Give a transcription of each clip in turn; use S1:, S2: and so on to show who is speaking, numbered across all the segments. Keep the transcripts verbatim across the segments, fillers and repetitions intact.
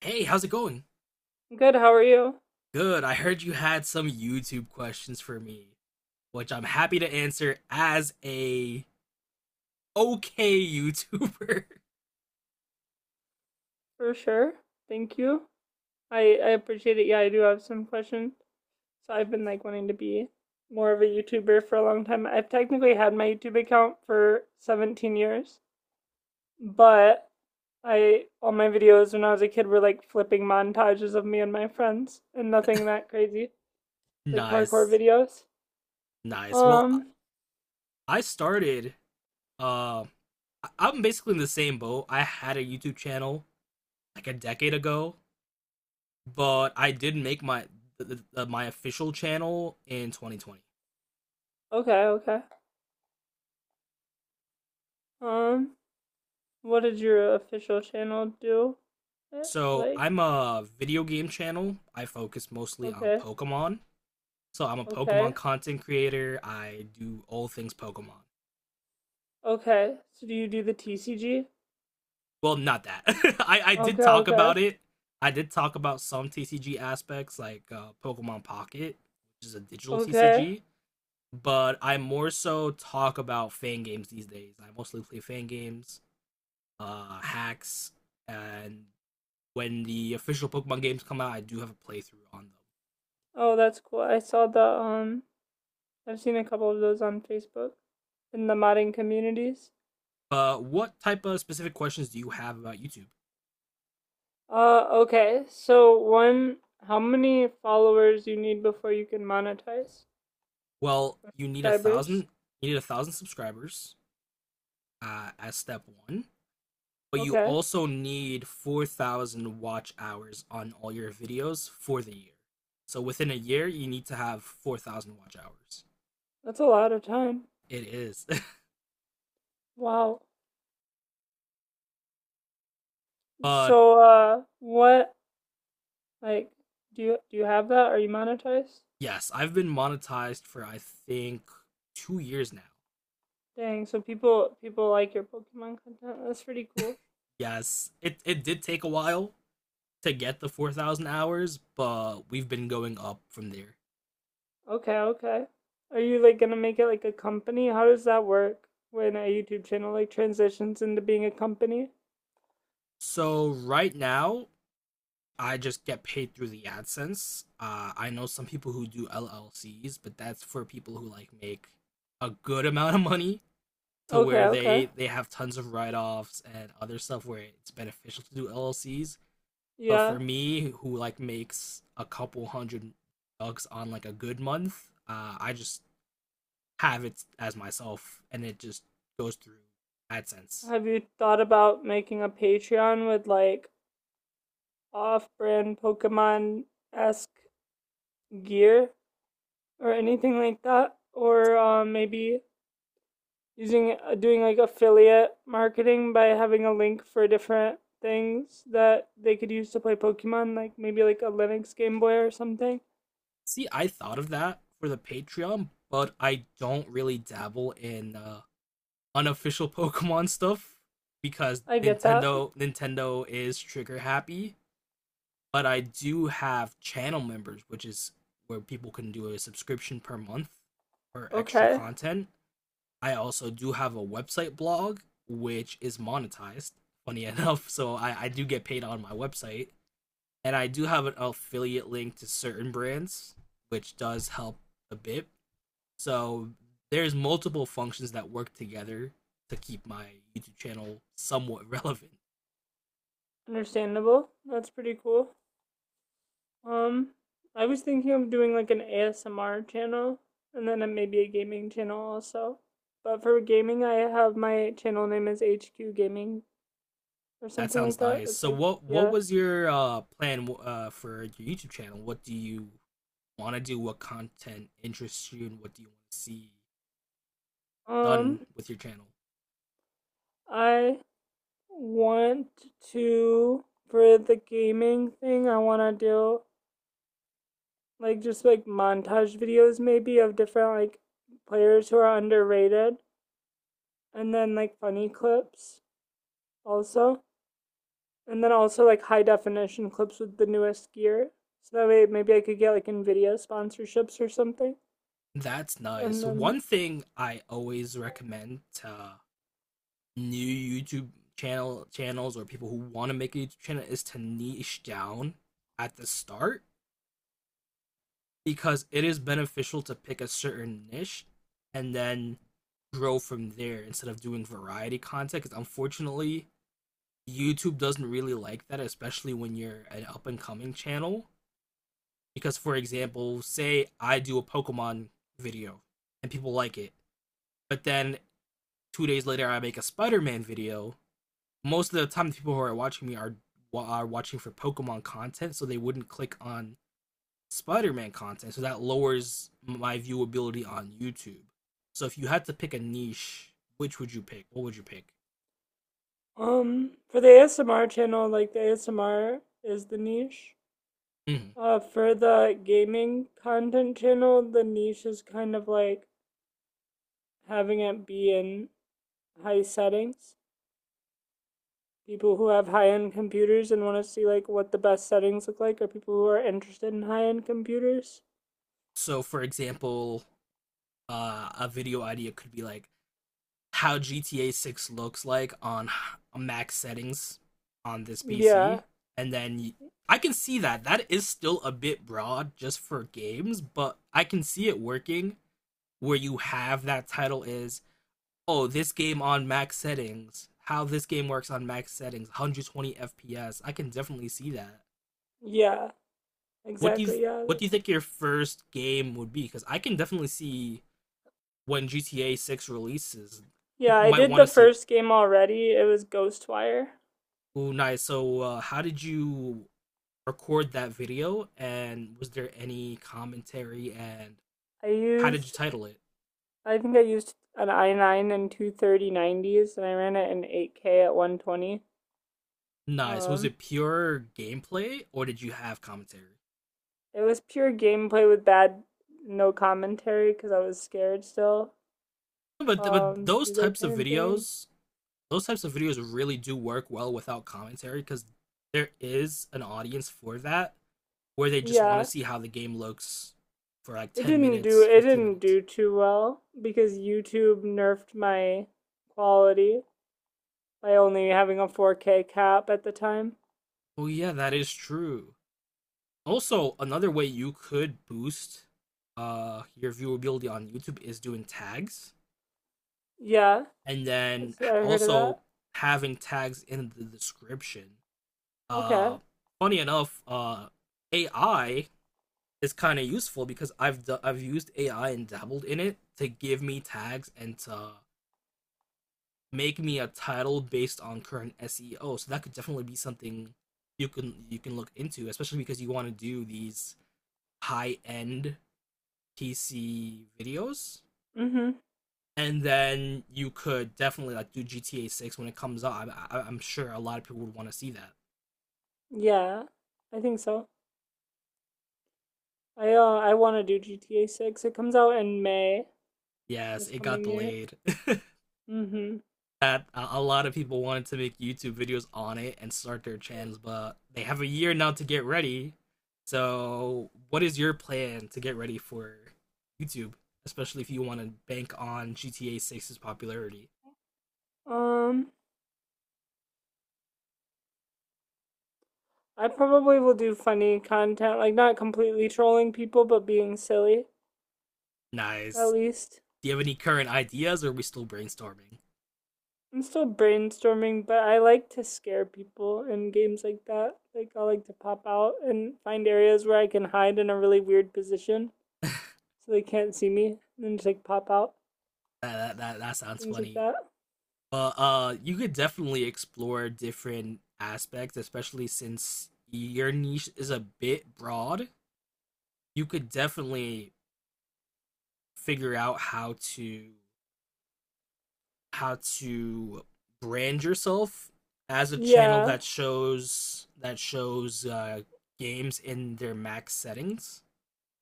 S1: Hey, how's it going?
S2: Good. How are you?
S1: Good. I heard you had some YouTube questions for me, which I'm happy to answer as a okay YouTuber.
S2: For sure. Thank you. I I appreciate it. Yeah, I do have some questions. So I've been, like, wanting to be more of a YouTuber for a long time. I've technically had my YouTube account for seventeen years, but I, all my videos when I was a kid were like flipping montages of me and my friends and nothing that crazy. Like, parkour
S1: nice.
S2: videos.
S1: Nice. Well, I-
S2: Um,
S1: started uh I- am basically in the same boat. I had a YouTube channel like a decade ago, but I did make my th- th- my official channel in twenty twenty.
S2: okay, okay. Um, what did your official channel do? Eh,
S1: So,
S2: Like,
S1: I'm a video game channel. I focus mostly on
S2: okay,
S1: Pokemon. So I'm a Pokemon
S2: okay.
S1: content creator. I do all things Pokemon.
S2: Okay. So do you do the T C G?
S1: Well, not that. I, I did
S2: Okay,
S1: talk
S2: okay.
S1: about it. I did talk about some T C G aspects like uh, Pokemon Pocket, which is a digital
S2: Okay.
S1: T C G. But I more so talk about fan games these days. I mostly play fan games, uh, hacks, and when the official Pokemon games come out, I do have a playthrough on them.
S2: Oh, that's cool. I saw the um I've seen a couple of those on Facebook in the modding communities.
S1: But uh, what type of specific questions do you have about YouTube?
S2: Uh okay. So, one, how many followers you need before you can monetize,
S1: Well,
S2: or
S1: you need a
S2: subscribers?
S1: thousand. You need a thousand subscribers, uh, as step one, but you
S2: Okay.
S1: also need four thousand watch hours on all your videos for the year. So within a year, you need to have four thousand watch hours.
S2: That's a lot of time.
S1: It is.
S2: Wow.
S1: But
S2: So, uh what, like, do you do you have that? Are you monetized?
S1: yes, I've been monetized for I think two years now.
S2: Dang, so people people like your Pokemon content. That's pretty cool.
S1: Yes, it, it did take a while to get the four thousand hours, but we've been going up from there.
S2: Okay, okay. Are you, like, gonna make it like a company? How does that work when a YouTube channel, like, transitions into being a company?
S1: So right now, I just get paid through the AdSense. Uh, I know some people who do L L Cs, but that's for people who like make a good amount of money to where
S2: Okay, okay.
S1: they they have tons of write-offs and other stuff where it's beneficial to do L L Cs. But
S2: Yeah.
S1: for me, who like makes a couple hundred bucks on like a good month, uh, I just have it as myself, and it just goes through AdSense.
S2: Have you thought about making a Patreon with like off-brand Pokemon-esque gear or anything like that? Or, uh, maybe using, uh, doing like affiliate marketing by having a link for different things that they could use to play Pokemon, like maybe like a Linux Game Boy or something?
S1: See, I thought of that for the Patreon, but I don't really dabble in. Uh, unofficial Pokemon stuff because
S2: I get that.
S1: Nintendo Nintendo is trigger happy, but I do have channel members, which is where people can do a subscription per month for extra
S2: Okay,
S1: content. I also do have a website blog which is monetized, funny enough, so I, I do get paid on my website. And I do have an affiliate link to certain brands, which does help a bit so there's multiple functions that work together to keep my YouTube channel somewhat relevant.
S2: understandable. That's pretty cool. Um, I was thinking of doing like an A S M R channel and then maybe a gaming channel also. But for gaming, I have, my channel name is H Q Gaming or
S1: That
S2: something
S1: sounds
S2: like that.
S1: nice.
S2: It's
S1: So
S2: like,
S1: what what
S2: yeah.
S1: was your uh, plan uh, for your YouTube channel? What do you want to do? What content interests you, and what do you want to see done
S2: Um,
S1: with your channel?
S2: I want to, for the gaming thing, I want to do like just like montage videos maybe of different like players who are underrated, and then like funny clips also. And then also like high definition clips with the newest gear. So that way maybe I could get like Nvidia sponsorships or something.
S1: That's nice.
S2: And
S1: So
S2: then
S1: One thing I always recommend to new YouTube channel channels or people who want to make a YouTube channel is to niche down at the start because it is beneficial to pick a certain niche and then grow from there instead of doing variety content. Because unfortunately, YouTube doesn't really like that, especially when you're an up and coming channel. Because, for example, say I do a Pokemon video and people like it, but then two days later I make a Spider Man video. Most of the time, the people who are watching me are are watching for Pokemon content, so they wouldn't click on Spider-Man content, so that lowers my viewability on YouTube. So if you had to pick a niche, which would you pick? What would you pick?
S2: um for the A S M R channel, like, the A S M R is the niche.
S1: Mhm.
S2: Uh for the gaming content channel, the niche is kind of like having it be in high settings. People who have high-end computers and want to see like what the best settings look like are people who are interested in high-end computers.
S1: So for example, uh, a video idea could be like how G T A six looks like on max settings on this
S2: Yeah.
S1: P C, and then I can see that that is still a bit broad just for games, but I can see it working where you have that title is oh, this game on max settings, how this game works on max settings, one hundred twenty F P S. I can definitely see that.
S2: Yeah.
S1: What do you
S2: Exactly. Yeah.
S1: what do you think your first game would be? Because I can definitely see when G T A six releases,
S2: Yeah,
S1: people
S2: I
S1: might
S2: did
S1: want
S2: the
S1: to see it.
S2: first game already. It was Ghostwire.
S1: Ooh, nice. So, uh, how did you record that video? And was there any commentary? And
S2: I
S1: how did you
S2: used,
S1: title it?
S2: I think I used an i nine and two thirty nineties, and I ran it in eight K at one twenty.
S1: Nice. Was
S2: Um,
S1: it pure gameplay or did you have commentary?
S2: it was pure gameplay with bad, no commentary because I was scared still,
S1: But but
S2: um, to
S1: those
S2: do that
S1: types of
S2: kind of thing.
S1: videos those types of videos really do work well without commentary because there is an audience for that where they just want to
S2: Yeah,
S1: see how the game looks for like
S2: it
S1: ten
S2: didn't do,
S1: minutes,
S2: it
S1: fifteen
S2: didn't
S1: minutes.
S2: do too well because YouTube nerfed my quality by only having a four K cap at the time.
S1: Oh yeah, that is true. Also, another way you could boost uh your viewability on YouTube is doing tags
S2: Yeah,
S1: and then
S2: I heard of
S1: also
S2: that.
S1: having tags in the description.
S2: Okay.
S1: Uh Funny enough, uh A I is kind of useful because I've i I've used A I and dabbled in it to give me tags and to make me a title based on current S E O. So that could definitely be something you can you can look into, especially because you want to do these high end P C videos.
S2: Mm-hmm.
S1: And then you could definitely like do G T A Six when it comes out. I, I, I'm sure a lot of people would want to see that.
S2: Yeah, I think so. I uh I want to do G T A six. It comes out in May
S1: Yes,
S2: this
S1: it got
S2: coming year.
S1: delayed.
S2: Mm-hmm.
S1: that a lot of people wanted to make YouTube videos on it and start their channels, but they have a year now to get ready. So, what is your plan to get ready for YouTube, especially if you want to bank on G T A Six's popularity?
S2: Um, I probably will do funny content, like not completely trolling people, but being silly at
S1: Nice.
S2: least.
S1: Do you have any current ideas, or are we still brainstorming?
S2: I'm still brainstorming, but I like to scare people in games like that. Like, I like to pop out and find areas where I can hide in a really weird position so they can't see me and then just like pop out,
S1: that that, that sounds
S2: things like
S1: funny.
S2: that.
S1: But uh, you could definitely explore different aspects, especially since your niche is a bit broad. You could definitely figure out how to how to brand yourself as a channel
S2: Yeah.
S1: that shows that shows uh, games in their max settings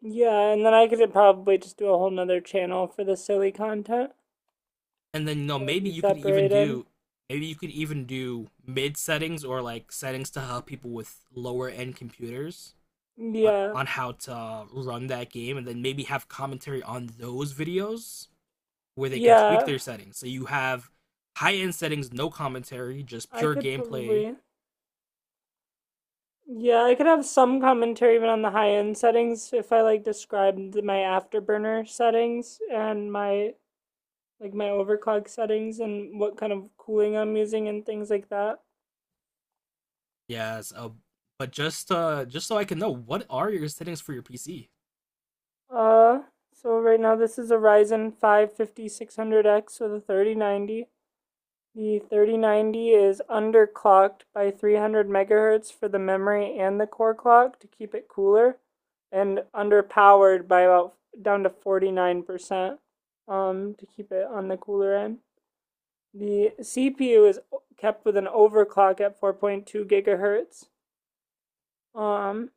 S2: Yeah, and then I could probably just do a whole nother channel for the silly content
S1: and then you know
S2: that would
S1: maybe
S2: be
S1: you could even
S2: separated.
S1: do maybe you could even do mid settings or like settings to help people with lower end computers on,
S2: Yeah,
S1: on how to run that game and then maybe have commentary on those videos where they can tweak
S2: yeah,
S1: their settings so you have high end settings no commentary just
S2: I
S1: pure
S2: could
S1: gameplay.
S2: probably. Yeah, I could have some commentary even on the high end settings if I, like, described my afterburner settings and my like my overclock settings and what kind of cooling I'm using and things like that.
S1: Yes, uh, but just uh, just so I can know, what are your settings for your P C?
S2: Uh, so right now this is a Ryzen five fifty six hundred x with a thirty ninety. The thirty-ninety is underclocked by three hundred megahertz for the memory and the core clock to keep it cooler, and underpowered by about down to forty-nine percent, um, to keep it on the cooler end. The C P U is kept with an overclock at four point two gigahertz, um,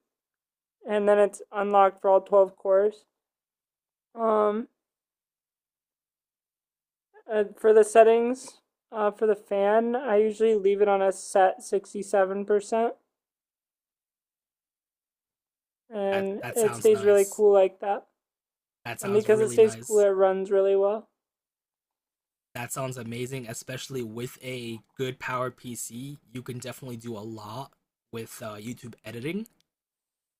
S2: and then it's unlocked for all twelve cores. Um, uh, for the settings, uh, for the fan, I usually leave it on a set sixty-seven percent,
S1: That
S2: and
S1: that
S2: it
S1: sounds
S2: stays really
S1: nice.
S2: cool like that.
S1: That
S2: And
S1: sounds
S2: because it
S1: really
S2: stays cool,
S1: nice.
S2: it runs really well.
S1: That sounds amazing, especially with a good powered P C. You can definitely do a lot with uh, YouTube editing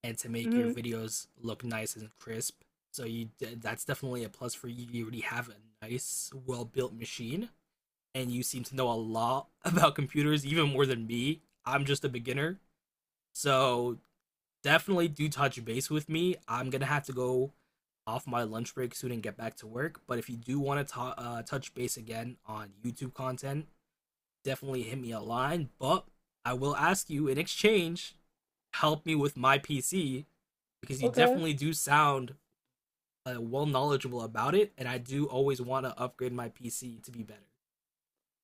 S1: and to make your
S2: Hmm.
S1: videos look nice and crisp. So you d- that's definitely a plus for you. You already have a nice, well built machine, and you seem to know a lot about computers, even more than me. I'm just a beginner, so definitely do touch base with me. I'm gonna have to go off my lunch break soon and get back to work. But if you do want to uh, touch base again on YouTube content, definitely hit me a line. But I will ask you in exchange, help me with my P C because you
S2: Okay.
S1: definitely do sound uh, well knowledgeable about it, and I do always want to upgrade my P C to be better.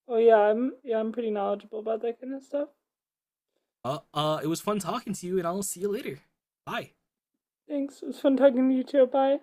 S2: Oh, yeah, I'm yeah, I'm pretty knowledgeable about that kind of stuff.
S1: Uh, uh, it was fun talking to you, and I'll see you later. Bye.
S2: Thanks. It was fun talking to you too. Bye.